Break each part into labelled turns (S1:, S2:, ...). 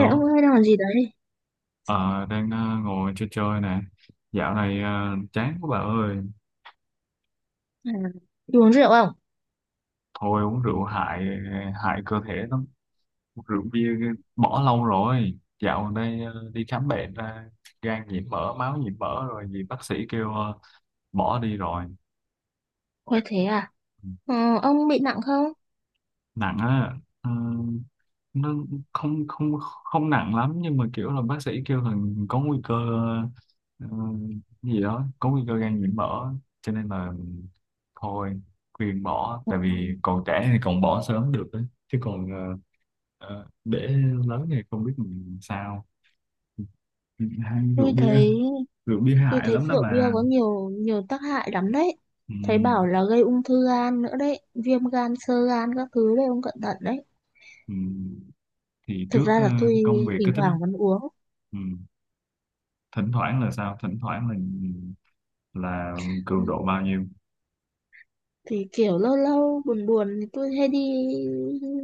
S1: Ê, ông ơi đang làm gì đấy?
S2: ờ, đang ờ, ngồi chơi chơi nè. Dạo này chán quá bà ơi.
S1: À, đi uống rượu không?
S2: Thôi uống rượu hại hại cơ thể lắm. Uống rượu bia cái- bỏ lâu rồi. Dạo gần đây đi khám bệnh ra gan nhiễm mỡ, máu nhiễm mỡ rồi vì bác sĩ kêu bỏ đi rồi.
S1: Ôi thế à? Ờ, ông bị nặng không?
S2: Nặng á, ờ, nó không không không nặng lắm, nhưng mà kiểu là bác sĩ kêu là có nguy cơ, ờ, gì đó, có nguy cơ gan nhiễm mỡ, cho nên là thôi khuyên bỏ,
S1: Ờ,
S2: tại vì còn trẻ thì còn bỏ sớm được ấy. Chứ còn để lớn thì không biết mình sao. Hai rượu
S1: tôi
S2: bia,
S1: thấy
S2: rượu bia hại lắm đó
S1: rượu bia
S2: bà.
S1: có nhiều nhiều tác hại lắm đấy.
S2: Ừ,
S1: Thấy bảo là gây ung thư gan nữa đấy, viêm gan, xơ gan các thứ đấy, ông cẩn thận đấy.
S2: ừ. Thì
S1: Thực
S2: trước
S1: ra là tôi
S2: công việc
S1: thỉnh
S2: cái tính.
S1: thoảng vẫn uống.
S2: Ừ. Thỉnh thoảng là sao, thỉnh thoảng là
S1: Ừ,
S2: cường độ bao nhiêu?
S1: thì kiểu lâu lâu buồn buồn thì tôi hay đi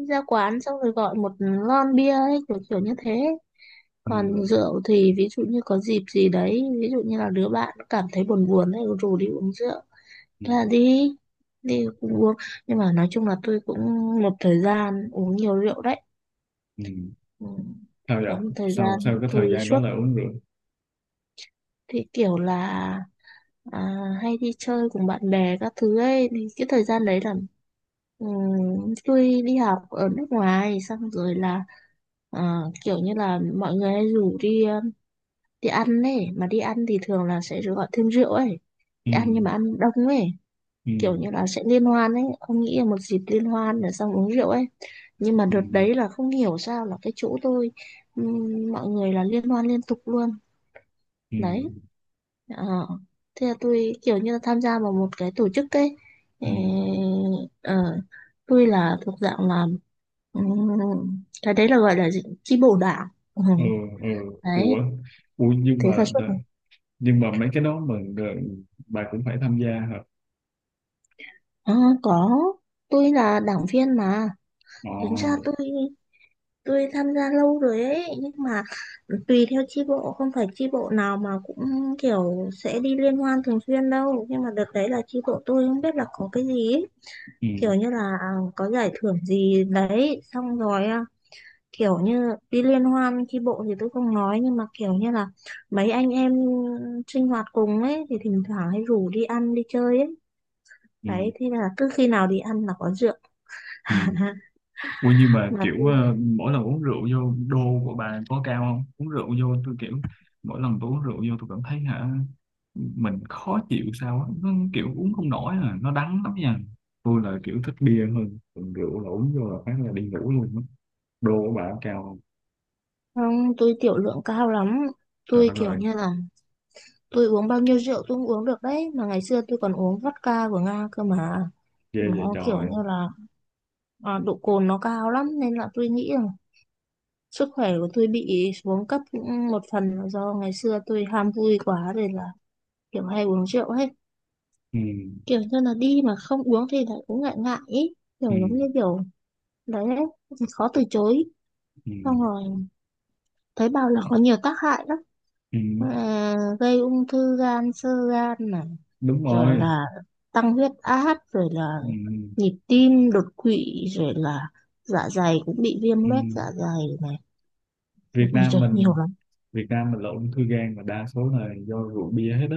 S1: ra quán xong rồi gọi một lon bia ấy, kiểu kiểu như thế.
S2: Ừ,
S1: Còn rượu thì ví dụ như có dịp gì đấy, ví dụ như là đứa bạn nó cảm thấy buồn buồn đấy rủ đi uống rượu,
S2: ừ,
S1: thế là đi, cũng uống, nhưng mà nói chung là tôi cũng một thời gian uống nhiều rượu đấy.
S2: ừ.
S1: Ừ.
S2: Sao vậy?
S1: Có một thời
S2: sau
S1: gian
S2: sau cái
S1: tôi
S2: thời gian đó
S1: suốt,
S2: là uống rượu?
S1: thì kiểu là, à, hay đi chơi cùng bạn bè các thứ ấy, thì cái thời gian đấy là, ừ, tôi đi học ở nước ngoài, xong rồi là, à, kiểu như là mọi người hay rủ đi đi ăn ấy mà. Đi ăn thì thường là sẽ gọi thêm rượu ấy, đi
S2: Ừ,
S1: ăn nhưng mà ăn đông ấy,
S2: ừ,
S1: kiểu như là sẽ liên hoan ấy, ông nghĩ là một dịp liên hoan rồi xong uống rượu ấy. Nhưng mà
S2: ừ,
S1: đợt đấy là không hiểu sao là cái chỗ tôi, mọi người là liên hoan liên tục luôn.
S2: ừ,
S1: Đấy. Ờ. Thế là tôi kiểu như là tham gia vào một cái tổ chức ấy. Ờ,
S2: ừ.
S1: ờ, tôi là thuộc dạng là, ừm, cái đấy là gọi là gì? Chi bộ đảng. Ừ,
S2: Ừ, ừ.
S1: đấy,
S2: Ủa, ủa nhưng
S1: thế là
S2: mà,
S1: suốt.
S2: nhưng mà mấy cái đó mà bà cũng phải tham gia hả?
S1: Ờ, có. Tôi là đảng viên mà.
S2: Ờ.
S1: Tính ra tôi, tham gia lâu rồi ấy, nhưng mà tùy theo chi bộ, không phải chi bộ nào mà cũng kiểu sẽ đi liên hoan thường xuyên đâu. Nhưng mà đợt đấy là chi bộ tôi không biết là có cái gì ấy.
S2: Ừ,
S1: Kiểu như là, có giải thưởng gì đấy xong rồi, kiểu như đi liên hoan chi bộ thì tôi không nói, nhưng mà kiểu như là mấy anh em sinh hoạt cùng ấy thì thỉnh thoảng hay rủ đi ăn đi chơi ấy. Đấy,
S2: ừ,
S1: thế là cứ khi nào đi ăn là có rượu,
S2: ừ. Ủa nhưng mà
S1: mà
S2: kiểu
S1: tôi...
S2: mỗi lần uống rượu vô đô của bà có cao không? Uống rượu vô tôi kiểu, mỗi lần tôi uống rượu vô tôi cảm thấy hả, mình khó chịu sao á, nó kiểu uống không nổi à, nó đắng lắm nha. Tôi là kiểu thích bia hơn, còn rượu là uống vô là phát là đi ngủ luôn á. Đô của bà cao.
S1: Không, tôi tiểu lượng cao lắm.
S2: Trời
S1: Tôi
S2: đất
S1: kiểu
S2: ơi.
S1: như là, tôi uống bao nhiêu rượu tôi cũng uống được đấy. Mà ngày xưa tôi còn uống vodka của Nga cơ mà.
S2: Ghê vậy
S1: Nó kiểu
S2: trời.
S1: như là, độ cồn nó cao lắm. Nên là tôi nghĩ là sức khỏe của tôi bị xuống cấp cũng một phần là do ngày xưa tôi ham vui quá, rồi là kiểu hay uống rượu hết.
S2: Ừ,
S1: Kiểu như là đi mà không uống thì lại cũng ngại ngại ý.
S2: ừ,
S1: Kiểu giống như kiểu, đấy, đấy, khó từ chối.
S2: ừ,
S1: Xong rồi thấy bảo là có nhiều tác hại lắm.
S2: ừ.
S1: Ờ, gây ung thư gan, xơ gan này,
S2: Đúng
S1: rồi
S2: rồi.
S1: là tăng huyết áp, rồi là
S2: Ừ,
S1: nhịp tim đột quỵ, rồi là dạ dày cũng bị viêm
S2: ừ.
S1: loét dạ dày này.
S2: Việt
S1: Ôi
S2: Nam
S1: trời
S2: mình,
S1: nhiều lắm.
S2: Việt Nam mình là ung thư gan mà đa số là do rượu bia hết á.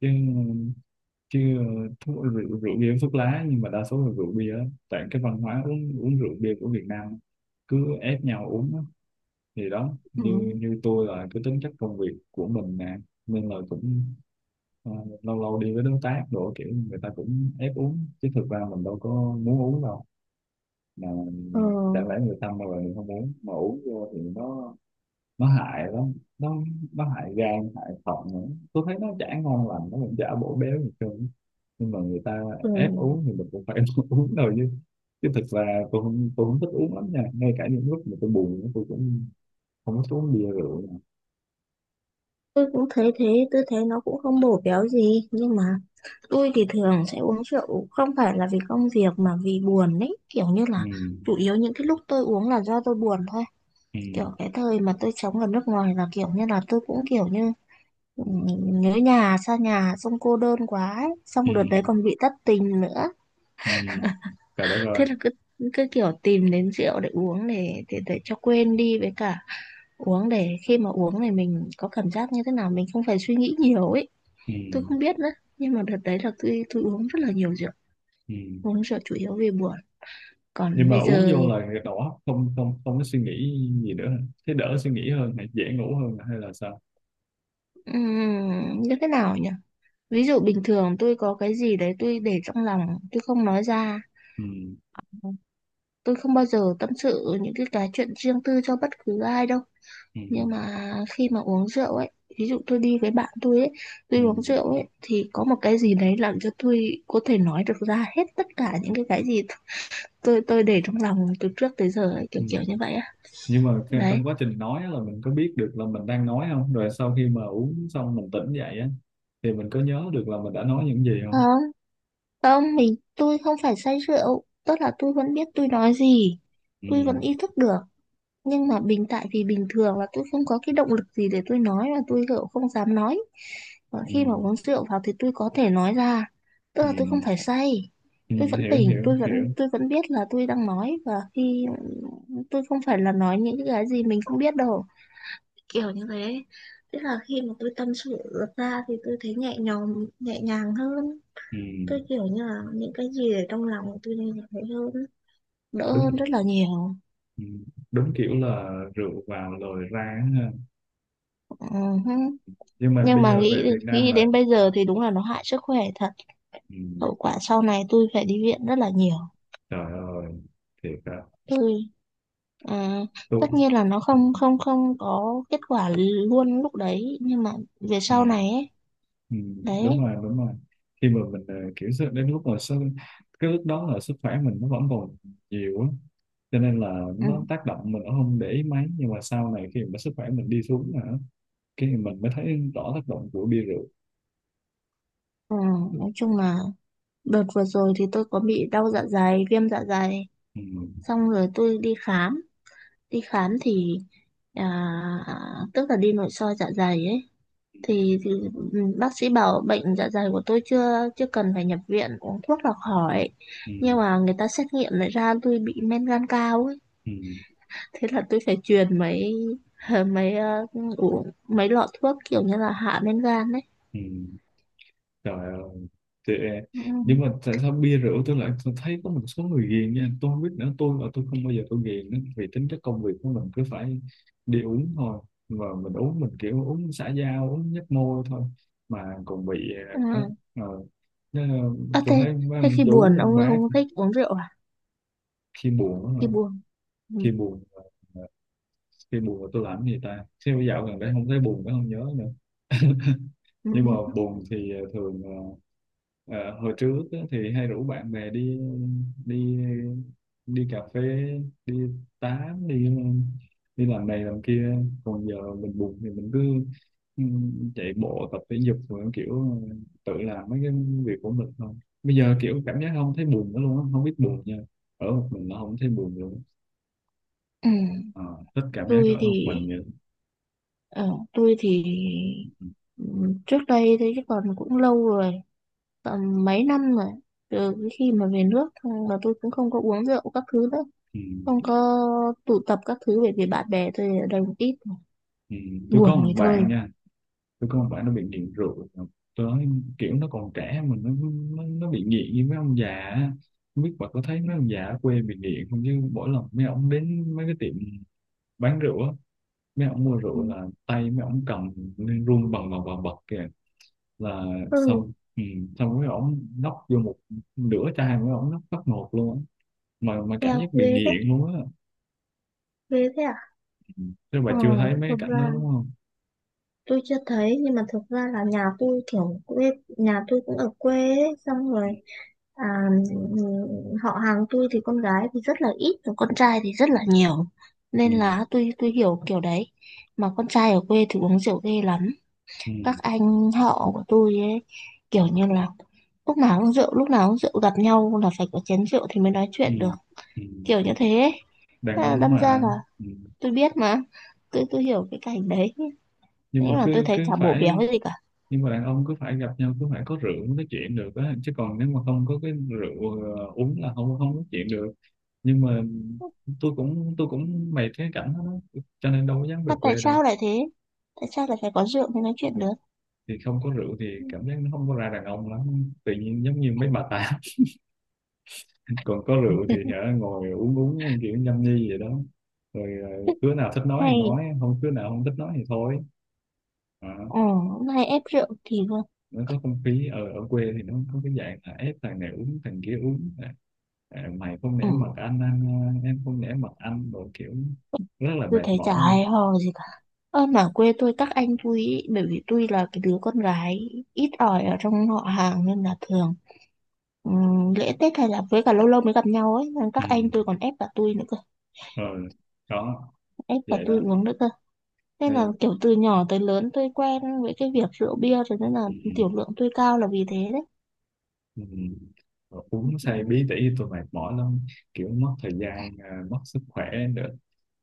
S2: Chứ chứ thuốc, rượu, rượu bia với thuốc lá, nhưng mà đa số là rượu bia á. Tại cái văn hóa uống uống rượu bia của Việt Nam cứ ép nhau uống á. Thì đó,
S1: Ừ.
S2: như như tôi là cái tính chất công việc của mình nè, nên là cũng ờ, lâu lâu đi với đối tác đồ, kiểu người ta cũng ép uống, chứ thực ra mình đâu có muốn uống đâu. Mà
S1: Ờ,
S2: chẳng lẽ người ta mà mình không uống, mà uống vô thì nó hại lắm, nó hại gan hại thận nữa. Tôi thấy nó chả ngon lành, nó cũng chả bổ béo gì hết trơn, nhưng mà người ta
S1: ừ.
S2: ép uống thì mình cũng phải uống thôi. Chứ chứ thực ra tôi không thích uống lắm nha, ngay cả những lúc mà tôi buồn tôi cũng không có thích uống bia rượu.
S1: Tôi cũng thấy thế, tôi thấy nó cũng không bổ béo gì, nhưng mà tôi thì thường sẽ uống rượu không phải là vì công việc mà vì buồn ấy. Kiểu như
S2: Ừ.
S1: là chủ yếu những cái lúc tôi uống là do tôi buồn thôi.
S2: Ừ.
S1: Kiểu cái thời mà tôi sống ở nước ngoài là, kiểu như là tôi cũng kiểu như, ừ, nhớ nhà, xa nhà, xong cô đơn quá ấy.
S2: Ừ.
S1: Xong đợt đấy còn bị thất tình nữa,
S2: Ừ. Trời đất
S1: thế
S2: ơi.
S1: là cứ cứ kiểu tìm đến rượu để uống, để cho quên đi. Với cả uống để khi mà uống thì mình có cảm giác như thế nào, mình không phải suy nghĩ nhiều ấy.
S2: Ừ.
S1: Tôi không biết nữa, nhưng mà đợt đấy là tôi, uống rất là nhiều rượu.
S2: Ừ.
S1: Uống rượu chủ yếu vì buồn.
S2: Nhưng
S1: Còn
S2: mà
S1: bây
S2: uống
S1: giờ,
S2: vô là đỏ, không không không có suy nghĩ gì nữa hả? Thế đỡ suy nghĩ hơn hay dễ ngủ hơn hay là sao?
S1: như thế nào nhỉ? Ví dụ bình thường tôi có cái gì đấy tôi để trong lòng, tôi không nói ra.
S2: Ừ.
S1: Tôi không bao giờ tâm sự những cái chuyện riêng tư cho bất cứ ai đâu.
S2: Ừ.
S1: Nhưng mà khi mà uống rượu ấy, ví dụ tôi đi với bạn tôi ấy, tôi uống
S2: Ừ.
S1: rượu ấy, thì có một cái gì đấy làm cho tôi có thể nói được ra hết tất cả những cái gì tôi, để trong lòng từ trước tới giờ ấy, kiểu kiểu như
S2: Ừ.
S1: vậy á.
S2: Nhưng mà cái-
S1: Đấy.
S2: trong quá trình nói á là mình có biết được là mình đang nói không, rồi sau khi mà uống xong mình tỉnh dậy á thì mình có nhớ được là mình đã nói những gì
S1: Ờ,
S2: không?
S1: không, tôi không phải say rượu, tức là tôi vẫn biết tôi nói gì.
S2: Ừ.
S1: Tôi vẫn ý thức được. Nhưng mà tại vì bình thường là tôi không có cái động lực gì để tôi nói, và tôi kiểu không dám nói. Và
S2: Ừ.
S1: khi mà uống rượu vào thì tôi có thể nói ra, tức là tôi không
S2: ừ,
S1: phải say.
S2: ừ.
S1: Tôi vẫn
S2: Hiểu
S1: tỉnh,
S2: hiểu
S1: tôi vẫn
S2: hiểu.
S1: biết là tôi đang nói, và khi tôi không phải là nói những cái gì mình không biết đâu, kiểu như thế. Tức là khi mà tôi tâm sự ra thì tôi thấy nhẹ nhõm, nhẹ nhàng hơn.
S2: Ừ.
S1: Tôi kiểu như là những cái gì ở trong lòng tôi đều thấy hơn, đỡ hơn
S2: Đúng.
S1: rất là nhiều.
S2: Ừ, đúng, kiểu là rượu vào rồi ra á ha.
S1: Ừ.
S2: Nhưng mà
S1: Nhưng
S2: bây
S1: mà
S2: giờ về
S1: nghĩ,
S2: Việt Nam là.
S1: đến bây
S2: Sao?
S1: giờ thì đúng là nó hại sức khỏe thật.
S2: Ừ.
S1: Hậu quả sau này tôi phải đi viện rất là nhiều.
S2: Trời ơi, thiệt á.
S1: Tôi, à,
S2: Tôi.
S1: tất nhiên là nó
S2: Ừ,
S1: không không không có kết quả luôn lúc đấy, nhưng mà về
S2: ừ,
S1: sau này ấy.
S2: ừ, đúng
S1: Đấy.
S2: rồi, đúng rồi. Khi mà mình kiểu sức- đến lúc mà sức, cái lúc đó là sức khỏe mình nó vẫn còn nhiều á, cho nên là
S1: Ừ,
S2: nó tác động mình cũng không để ý mấy, nhưng mà sau này khi mà sức khỏe mình đi xuống hả, cái mình mới thấy rõ tác động của bia rượu.
S1: ừ, nói chung là đợt vừa rồi thì tôi có bị đau dạ dày, viêm dạ dày,
S2: Ừ,
S1: xong rồi tôi đi khám thì, à, tức là đi nội soi dạ dày ấy, thì, bác sĩ bảo bệnh dạ dày của tôi chưa chưa cần phải nhập viện, uống thuốc là khỏi.
S2: ừ,
S1: Nhưng mà người ta xét nghiệm lại ra tôi bị men gan cao ấy,
S2: ừ,
S1: thế là tôi phải truyền mấy mấy uống mấy lọ thuốc kiểu như là hạ men gan đấy.
S2: ừ. Trời ơi, thì,
S1: Ừ.
S2: nhưng mà tại sao bia rượu, tôi lại tôi thấy có một số người ghiền nha, tôi không biết nữa, tôi không bao giờ tôi ghiền nữa, vì tính chất công việc của mình cứ phải đi uống thôi, mà mình uống mình kiểu uống xã giao, uống nhấp môi thôi, mà còn bị đó,
S1: à,
S2: Ờ, nó-
S1: à
S2: tôi
S1: thế,
S2: thấy mấy
S1: Thế
S2: ông
S1: khi
S2: chú,
S1: buồn
S2: ông
S1: ông
S2: bác.
S1: không thích uống rượu à?
S2: Khi buồn đó mà,
S1: Khi buồn. Ừ.
S2: khi buồn khi buồn là tôi làm cái gì ta, khi bây dạo gần đây không thấy buồn nữa, không nhớ nữa.
S1: Ừ.
S2: Nhưng mà buồn thì thường ờ, hồi trước á, thì hay rủ bạn bè đi, đi đi cà phê, đi tám, đi đi làm này làm kia. Còn giờ mình buồn thì mình cứ ừ, chạy bộ tập thể dục, rồi kiểu tự làm mấy cái việc của mình thôi. Bây giờ kiểu cảm giác không thấy buồn nữa luôn á, không biết buồn nha, ở một mình nó không thấy buồn luôn.
S1: Ừ.
S2: Ờ, thích cảm giác
S1: tôi
S2: ở
S1: thì
S2: một mình vậy.
S1: ờ, tôi thì
S2: Ừ.
S1: ừ, trước đây thế, chứ còn cũng lâu rồi, tầm mấy năm rồi, từ cái khi mà về nước thôi, và tôi cũng không có uống rượu các thứ nữa,
S2: Ừ.
S1: không có tụ tập các thứ, bởi vì bạn bè tôi ở đây một ít rồi.
S2: Ừ. Tôi có
S1: Buồn
S2: một
S1: rồi
S2: bạn
S1: thôi.
S2: nha, tôi không phải, nó bị nghiện rượu tới, kiểu nó còn trẻ mà nó bị nghiện như mấy ông già á. Không biết bà có thấy mấy ông già ở quê bị nghiện không, chứ mỗi lần mấy ông đến mấy cái tiệm bán rượu á, mấy ông mua
S1: Ừ.
S2: rượu là tay mấy ông cầm nên run bần bần bần bật kìa, là
S1: Ừ,
S2: xong. Ừ, xong mấy ông nốc vô một nửa chai, mấy ông nốc phát một luôn á, mà cảm
S1: em
S2: giác bị nghiện luôn á.
S1: ghê thế à?
S2: Ừ. Chứ bà
S1: Ờ,
S2: chưa thấy mấy cái
S1: thực
S2: cảnh
S1: ra
S2: đó đúng không?
S1: tôi chưa thấy, nhưng mà thực ra là nhà tôi kiểu quê, nhà tôi cũng ở quê ấy, xong rồi, à, ừ, họ hàng tôi thì con gái thì rất là ít, còn con trai thì rất là nhiều.
S2: Ừ.
S1: Nên là tôi, hiểu kiểu đấy. Mà con trai ở quê thì uống rượu ghê lắm.
S2: Ừ.
S1: Các anh họ của tôi ấy, kiểu như là lúc nào cũng rượu lúc nào cũng rượu, gặp nhau là phải có chén rượu thì mới nói
S2: Ừ.
S1: chuyện được,
S2: Ừ. Ừ.
S1: kiểu như thế ấy.
S2: Đàn
S1: À,
S2: ông
S1: đâm ra
S2: mà.
S1: là
S2: Ừ.
S1: tôi biết mà, tôi, hiểu cái cảnh đấy.
S2: Nhưng
S1: Thế
S2: mà
S1: mà tôi
S2: cứ
S1: thấy
S2: cứ
S1: chả bổ béo
S2: phải,
S1: gì cả.
S2: nhưng mà đàn ông cứ phải gặp nhau cứ phải có rượu mới nói chuyện được á, chứ còn nếu mà không có cái rượu uống là không không nói chuyện được. Nhưng mà tôi cũng mệt cái cảnh đó đó, cho nên đâu có dám về
S1: Mà tại
S2: quê đâu.
S1: sao lại thế? Tại sao lại phải có rượu mới nói chuyện được?
S2: Thì không có rượu thì cảm giác nó không có ra đàn ông lắm, tự nhiên giống như mấy bà tám còn có rượu thì hả, ngồi uống uống kiểu nhâm nhi vậy đó, rồi đứa nào thích nói thì
S1: Hay,
S2: nói, không đứa nào không thích nói thì thôi. À,
S1: ừ, hay ép rượu thì vâng.
S2: nó có không khí. Ở ở quê thì nó có cái dạng là ép thằng này uống thằng kia uống, à, à, mày không nể mặt
S1: Ừ,
S2: anh, à, em không nể mặt anh đồ, kiểu rất là
S1: tôi
S2: mệt
S1: thấy chả
S2: mỏi nha.
S1: hay ho gì cả. Ơ mà quê tôi các anh tôi ý, bởi vì tôi là cái đứa con gái ít ỏi ở trong họ hàng, nên là thường, lễ Tết hay là với cả lâu lâu mới gặp nhau ấy, nên
S2: Ừ.
S1: các anh tôi còn ép cả tôi nữa cơ,
S2: Ờ, đó,
S1: ép cả
S2: vậy
S1: tôi
S2: đó,
S1: uống nữa cơ. Nên là
S2: nên.
S1: kiểu từ nhỏ tới lớn tôi quen với cái việc rượu bia rồi, nên là
S2: Ừ.
S1: tiểu lượng tôi cao là vì thế đấy.
S2: Ừ. Ờ, uống say bí tỉ tôi mệt mỏi lắm, kiểu mất thời gian, à, mất sức khỏe nữa.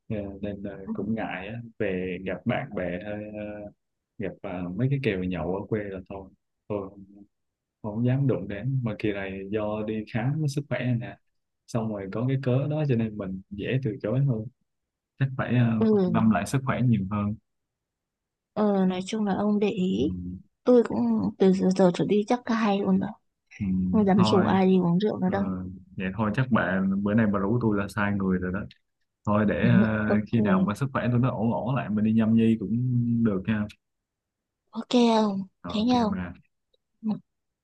S2: Ờ, nên à, cũng ngại á. Về gặp bạn bè hay à, gặp à, mấy cái kèo nhậu ở quê là thôi. Tôi không dám đụng đến. Mà kỳ này do đi khám với sức khỏe này nè, xong rồi có cái cớ đó cho nên mình dễ từ chối hơn, chắc phải
S1: Ừ.
S2: quan tâm lại sức khỏe nhiều hơn.
S1: ờ, nói chung là ông để
S2: Ừ,
S1: ý, tôi cũng từ giờ trở đi chắc cả hai luôn rồi,
S2: ừ,
S1: không dám rủ
S2: thôi,
S1: ai đi uống rượu nữa
S2: ờ,
S1: đâu.
S2: vậy thôi, chắc bạn bữa nay bà rủ tôi là sai người rồi đó. Thôi để
S1: Ok.
S2: khi nào mà sức khỏe tôi nó ổn ổn lại mình đi nhâm nhi cũng được ha.
S1: Ok không,
S2: Rồi,
S1: thế
S2: ok
S1: nhau.
S2: bà.